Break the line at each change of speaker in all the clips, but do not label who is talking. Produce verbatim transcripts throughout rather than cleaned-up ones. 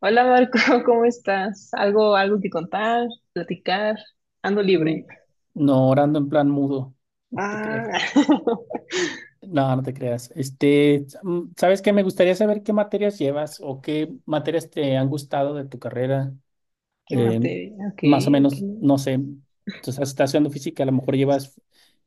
Hola Marco, ¿cómo estás? ¿Algo, algo que contar, platicar? Ando
Mm.
libre.
No, orando en plan mudo, no te
Ah,
creas. No, no te creas. Este, mm, ¿sabes qué? Me gustaría saber qué materias llevas o qué materias te han gustado de tu carrera.
qué
Eh,
materia. Ok,
Más o
ok.
menos, no sé. Entonces, estás haciendo física, a lo mejor llevas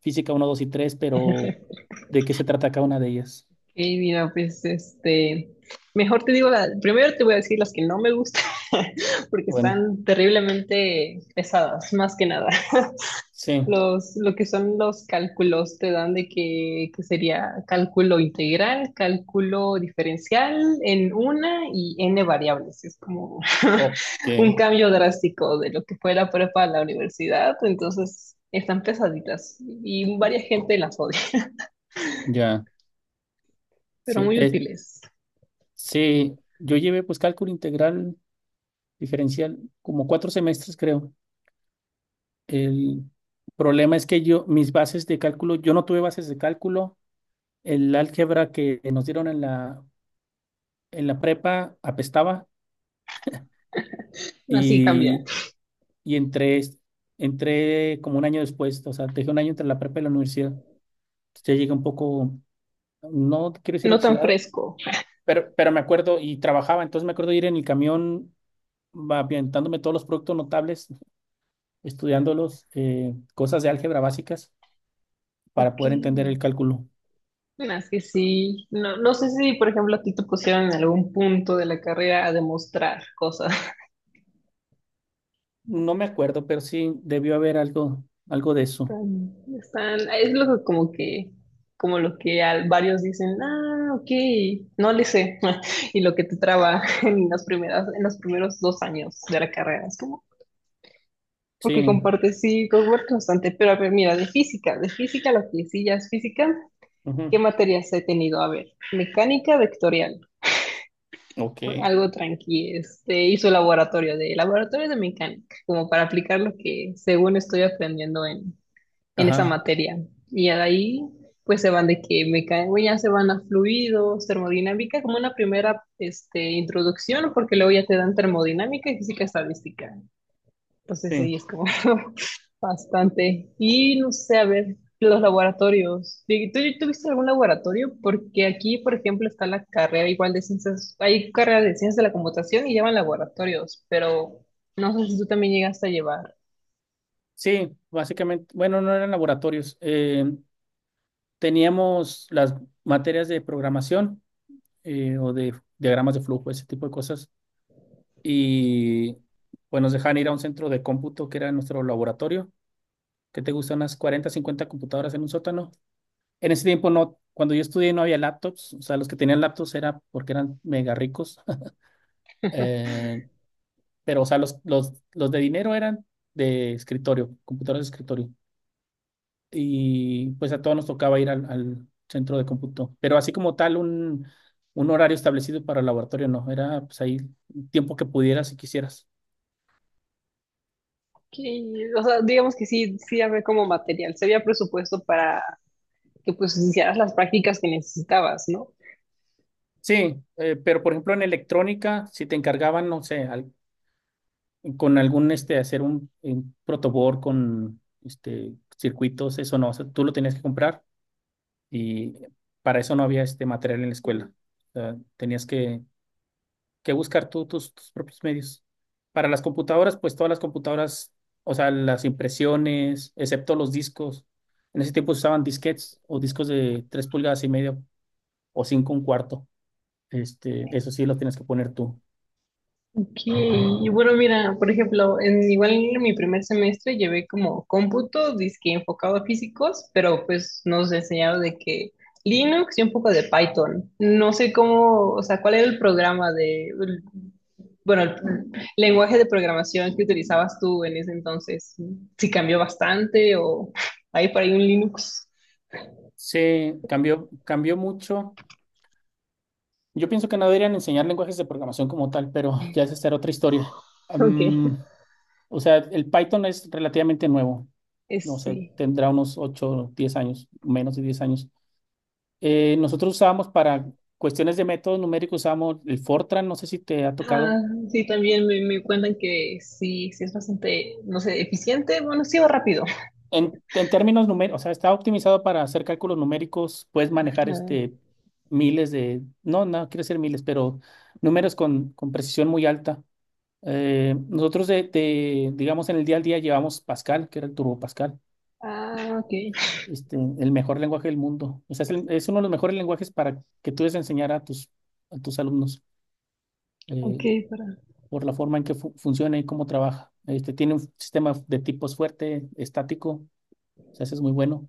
física uno, dos y tres, pero ¿de qué se trata cada una de ellas?
Ok, mira, pues este, mejor te digo, la, primero te voy a decir las que no me gustan, porque
Bueno,
están terriblemente pesadas, más que nada.
sí,
Los, lo que son los cálculos te dan de que, que sería cálculo integral, cálculo diferencial en una y n variables. Es como
ok,
un cambio drástico de lo que fue la prepa a la universidad. Entonces están pesaditas y varias gente las odia,
ya.
pero
Sí,
muy
eh,
útiles.
sí, yo llevé pues cálculo integral diferencial como cuatro semestres, creo. El problema es que yo, mis bases de cálculo, yo no tuve bases de cálculo. El álgebra que nos dieron en la, en la prepa apestaba
Así cambia.
y, y entré, entré como un año después, o sea, dejé un año entre la prepa y la universidad. Ya llegué un poco, no quiero decir
No tan
oxidado,
fresco.
pero, pero me acuerdo y trabajaba, entonces me acuerdo ir en el camión va aventándome todos los productos notables, estudiándolos, eh, cosas de álgebra básicas para
Ok.
poder entender el cálculo.
Bueno, es que sí. No, no sé si, por ejemplo, a ti te pusieron en algún punto de la carrera a demostrar cosas.
No me acuerdo, pero sí debió haber algo, algo de eso.
Están, están- es lo que como que, como lo que al- varios dicen, ah, ok, no le sé, y lo que te traba en las primeras, en los primeros dos años de la carrera, es como, porque
Sí.
compartes sí, cohort constante, pero a ver, mira, de física, de física, lo que sí ya es física, ¿qué
Ujú.
materias he tenido? A ver, mecánica vectorial, ¿no?
Ok.
Algo tranqui, este, hizo laboratorio de, laboratorio de mecánica, como para aplicar lo que según estoy aprendiendo en esa
Ajá.
materia. Y ahí pues se van de que mecánica, ya se van a fluidos, termodinámica, como una primera este, introducción, porque luego ya te dan termodinámica y física estadística. Entonces
Sí.
ahí es como bastante. Y no sé, a ver, los laboratorios. ¿Tú, tú viste algún laboratorio? Porque aquí, por ejemplo, está la carrera igual de ciencias, hay carrera de ciencias de la computación y llevan laboratorios, pero no sé si tú también llegaste a llevar.
Sí, básicamente, bueno, no eran laboratorios. Eh, teníamos las materias de programación eh, o de diagramas de flujo, ese tipo de cosas. Y pues nos dejaban ir a un centro de cómputo que era nuestro laboratorio, que te gustan unas cuarenta, cincuenta computadoras en un sótano. En ese tiempo no, cuando yo estudié no había laptops, o sea, los que tenían laptops era porque eran mega ricos. Eh, pero o sea, los, los, los de dinero eran de escritorio, computadores de escritorio. Y pues a todos nos tocaba ir al, al centro de cómputo, pero así como tal, un, un horario establecido para el laboratorio, no, era pues ahí el tiempo que pudieras y quisieras.
Que, o sea, digamos que sí, sí había como material, se había presupuesto para que pues hicieras las prácticas que necesitabas, ¿no?
Sí, eh, pero por ejemplo en electrónica, si te encargaban, no sé, al- con algún, este, hacer un, un protoboard con, este, circuitos, eso no, o sea, tú lo tenías que comprar y para eso no había, este, material en la escuela. O sea, tenías que que buscar tú tus, tus propios medios. Para las computadoras, pues todas las computadoras, o sea, las impresiones, excepto los discos. En ese tiempo se usaban disquetes o discos de tres pulgadas y medio o cinco un cuarto. Este, eso sí lo tienes que poner tú.
Ok, y bueno, mira, por ejemplo, en, igual en mi primer semestre llevé como cómputo, disque enfocado a físicos, pero pues nos enseñaron de que Linux y un poco de Python. No sé cómo, o sea, cuál era el programa de, bueno, el lenguaje de programación que utilizabas tú en ese entonces, si cambió bastante o hay por ahí un Linux.
Se cambió, cambió mucho. Yo pienso que no deberían enseñar lenguajes de programación como tal, pero ya esa será otra historia.
Ok.
Am, o sea, el Python es relativamente nuevo. No
Es,
sé,
sí.
tendrá unos ocho diez años, menos de diez años. Eh, nosotros usamos para cuestiones de métodos numéricos, usamos el Fortran, no sé si te ha
Ah,
tocado.
sí, también me, me cuentan que sí, sí es bastante, no sé, eficiente, bueno, sí va rápido.
En, en términos numéricos, o sea, está optimizado para hacer cálculos numéricos, puedes manejar
Ah,
este miles de, no, no quiero decir miles, pero números con, con precisión muy alta. Eh, nosotros de, de, digamos, en el día al día llevamos Pascal, que era el Turbo Pascal,
ah, ok,
este, el mejor lenguaje del mundo. O sea, es, el- es uno de los mejores lenguajes para que tú des a enseñar a tus, a tus alumnos.
ok,
Eh,
para.
por la forma en que fu- funciona y cómo trabaja. Este, tiene un sistema de tipos fuerte, estático, o sea, ese es muy bueno.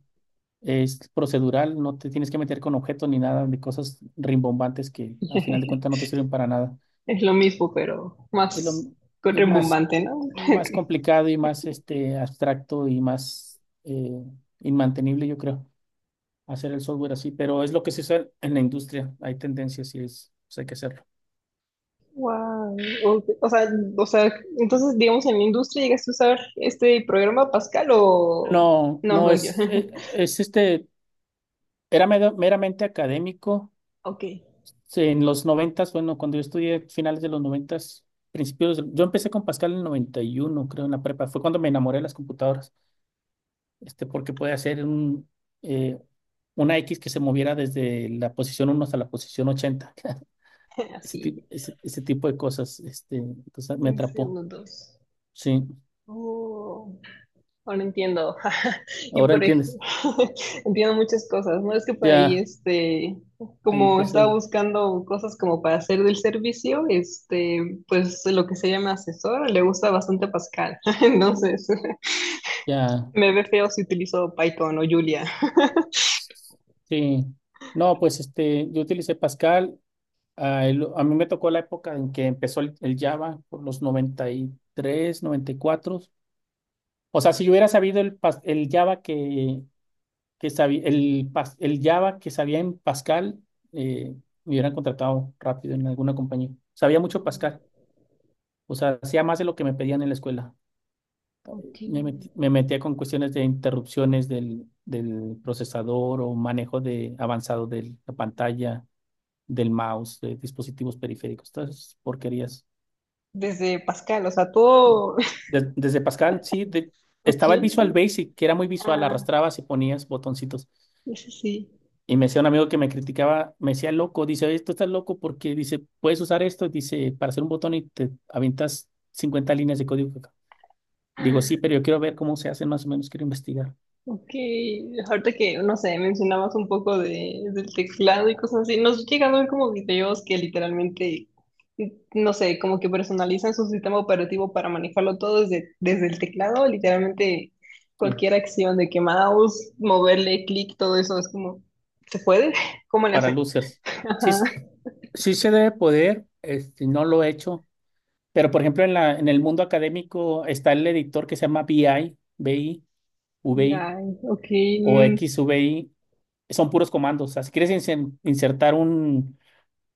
Es procedural, no te tienes que meter con objetos ni nada de cosas rimbombantes que a final de cuentas no te sirven para nada.
Es lo mismo, pero
Es lo
más
es más,
rebumbante, ¿no? Ok.
más complicado y más este, abstracto y más eh, inmantenible, yo creo, hacer el software así, pero es lo que se usa en la industria. Hay tendencias y es, pues hay que hacerlo.
Wow. O, o sea, o sea, entonces, digamos, en la industria llegaste a usar este programa Pascal o...
No,
No,
no
no, yo.
es, e- es este, era mera- meramente académico.
Ok,
Sí, en los noventas, bueno, cuando yo estudié finales de los noventas, principios, del- yo empecé con Pascal en el noventa y uno creo, en la prepa. Fue cuando me enamoré de las computadoras, este, porque puede hacer un, eh, una X que se moviera desde la posición uno hasta la posición ochenta. Ese,
así,
ti- ese, ese tipo de cosas, este, entonces me
en
atrapó.
segundos.
Sí,
Oh, ahora entiendo. Y
ahora
por
entiendes.
ejemplo, entiendo muchas cosas, ¿no? Es que por ahí,
Ya,
este,
ahí
como estaba
empezó.
buscando cosas como para hacer del servicio, este, pues lo que se llama asesor, le gusta bastante Pascal. Entonces,
Ya.
me ve feo si utilizo Python o Julia.
Sí. No, pues este, yo utilicé Pascal. Ah, el- a mí me tocó la época en que empezó el, el Java, por los noventa noventa y tres noventa y cuatro. O sea, si yo hubiera sabido el, pas- el Java que, que sabía, el, pas- el Java que sabía en Pascal, eh, me hubieran contratado rápido en alguna compañía. Sabía mucho
Mm,
Pascal. O sea, hacía más de lo que me pedían en la escuela.
ok.
Me, metí- me metía con cuestiones de interrupciones del, del procesador o manejo de avanzado de la pantalla, del mouse, de dispositivos periféricos, todas esas porquerías.
Desde Pascal, o sea, todo,
Des- desde Pascal, sí, de-
ok.
estaba el Visual Basic, que era muy visual,
Ah,
arrastrabas y ponías botoncitos.
eso sí,
Y me decía un amigo que me criticaba, me decía loco, dice, oye, tú estás loco porque dice, puedes usar esto, dice, para hacer un botón y te aventas cincuenta líneas de código acá. Digo, sí, pero yo quiero ver cómo se hace más o menos, quiero investigar.
ok, ahorita que, no sé, mencionabas un poco de, del teclado y cosas así, nos llegan a ver como videos que literalmente, no sé, como que personalizan su sistema operativo para manejarlo todo desde, desde el teclado, literalmente
Sí,
cualquier acción de que mouse, moverle, clic, todo eso es como, ¿se puede? ¿Cómo le
para
hacen?
losers. Sí,
Ajá,
s- sí se debe poder, este, no lo he hecho, pero por ejemplo en la, en el mundo académico está el editor que se llama BI, BI,
ya,
VI
ok.
o
Mm,
XVI son puros comandos. O sea, si quieres inse- insertar un,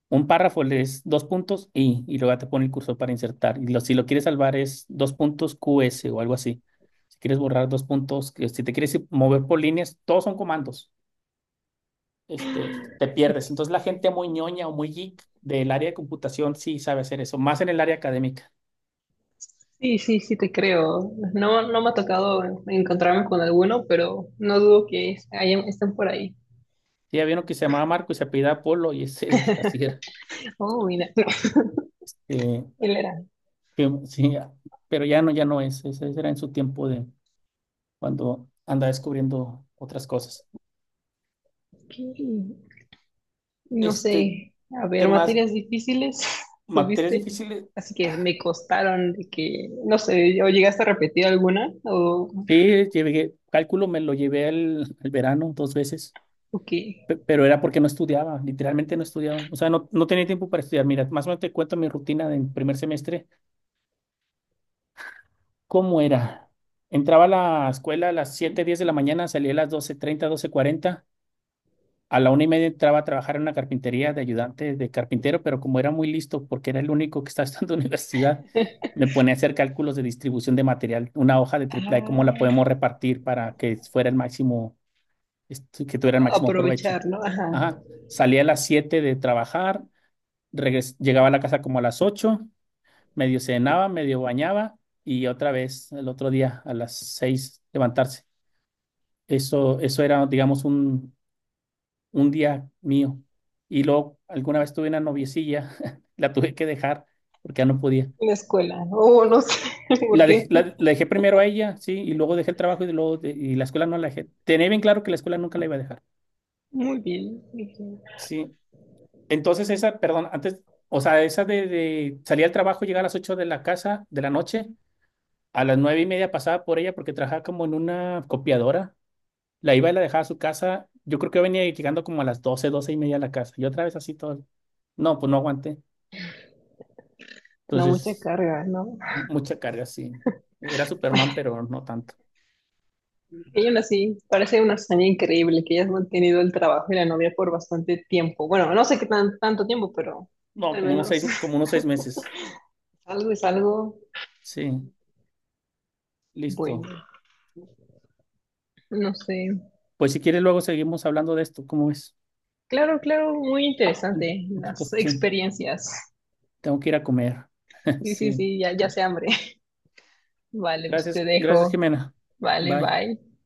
un párrafo, le des dos puntos y, y luego te pone el cursor para insertar. Y lo- si lo quieres salvar es dos puntos Q S o algo así. Si quieres borrar dos puntos, que si te quieres ir- mover por líneas, todos son comandos. Este, te pierdes. Entonces la gente muy ñoña o muy geek del área de computación sí sabe hacer eso, más en el área académica.
sí, sí, sí, te creo. No, no me ha tocado encontrarme con alguno, pero no dudo que es- hayan- estén por ahí.
Sí, había uno que se llamaba Marco y se apellidaba Polo y ese así era.
Oh, mira,
Eh,
él era.
que- sí, pero ya no, ya no es. Ese era en su tiempo de cuando anda descubriendo otras cosas.
Ok. No
Este,
sé, a ver,
¿qué más?
materias difíciles
¿Materias
tuviste,
difíciles?
así que me costaron de que, no sé, o llegaste a repetir alguna o,
Sí, llevé, cálculo me lo llevé al, al verano dos veces,
o qué.
pe- pero era porque no estudiaba, literalmente no estudiaba. O sea, no, no tenía tiempo para estudiar. Mira, más o menos te cuento mi rutina del primer semestre. ¿Cómo era? Entraba a la escuela a las siete diez de la mañana, salía a las doce treinta doce cuarenta. A la una y media entraba a trabajar en una carpintería de ayudante de carpintero, pero como era muy listo, porque era el único que estaba estudiando en la universidad, me ponía a hacer cálculos de distribución de material, una hoja de triple A,
Ah,
cómo la podemos repartir para que fuera el máximo, este, que tuviera el máximo provecho.
aprovechar, ¿no? Ajá,
Ajá. Salía a las siete de trabajar, regres- llegaba a la casa como a las ocho, medio cenaba, medio bañaba y otra vez el otro día a las seis levantarse. Eso, eso era, digamos, un, un día mío. Y luego alguna vez tuve una noviecilla, la tuve que dejar porque ya no podía.
la escuela, o no sé, por
La, dej-
qué.
la- la dejé primero a ella, sí, y luego dejé el trabajo y luego de- y la escuela no la dejé. Tenía bien claro que la escuela nunca la iba a dejar.
Muy bien, muy bien.
Sí. Entonces esa, perdón, antes, o sea, esa de, de salir al trabajo, llegar a las ocho de la casa de la noche, a las nueve y media pasaba por ella porque trabajaba como en una copiadora. La iba y la dejaba a su casa. Yo creo que venía llegando como a las doce doce y media a la casa. Y otra vez así todo. No, pues no aguanté.
No
Entonces.
mucha carga, ¿no?
Mucha carga, sí. Era Superman, pero no tanto.
Ella aún así parece una hazaña increíble que hayas mantenido el trabajo y la novia por bastante tiempo. Bueno, no sé qué tan, tanto tiempo, pero
No,
al
como unos
menos
seis, como unos seis meses.
algo es algo
Sí, listo.
bueno. No sé.
Pues si quieres, luego seguimos hablando de esto. ¿Cómo es?
Claro, claro, muy interesante
Otra
las
ocasión.
experiencias.
Tengo que ir a comer.
Sí, sí,
Sí.
sí, ya, ya se hambre. Vale, pues te
Gracias, gracias,
dejo.
Jimena.
Vale,
Bye.
bye.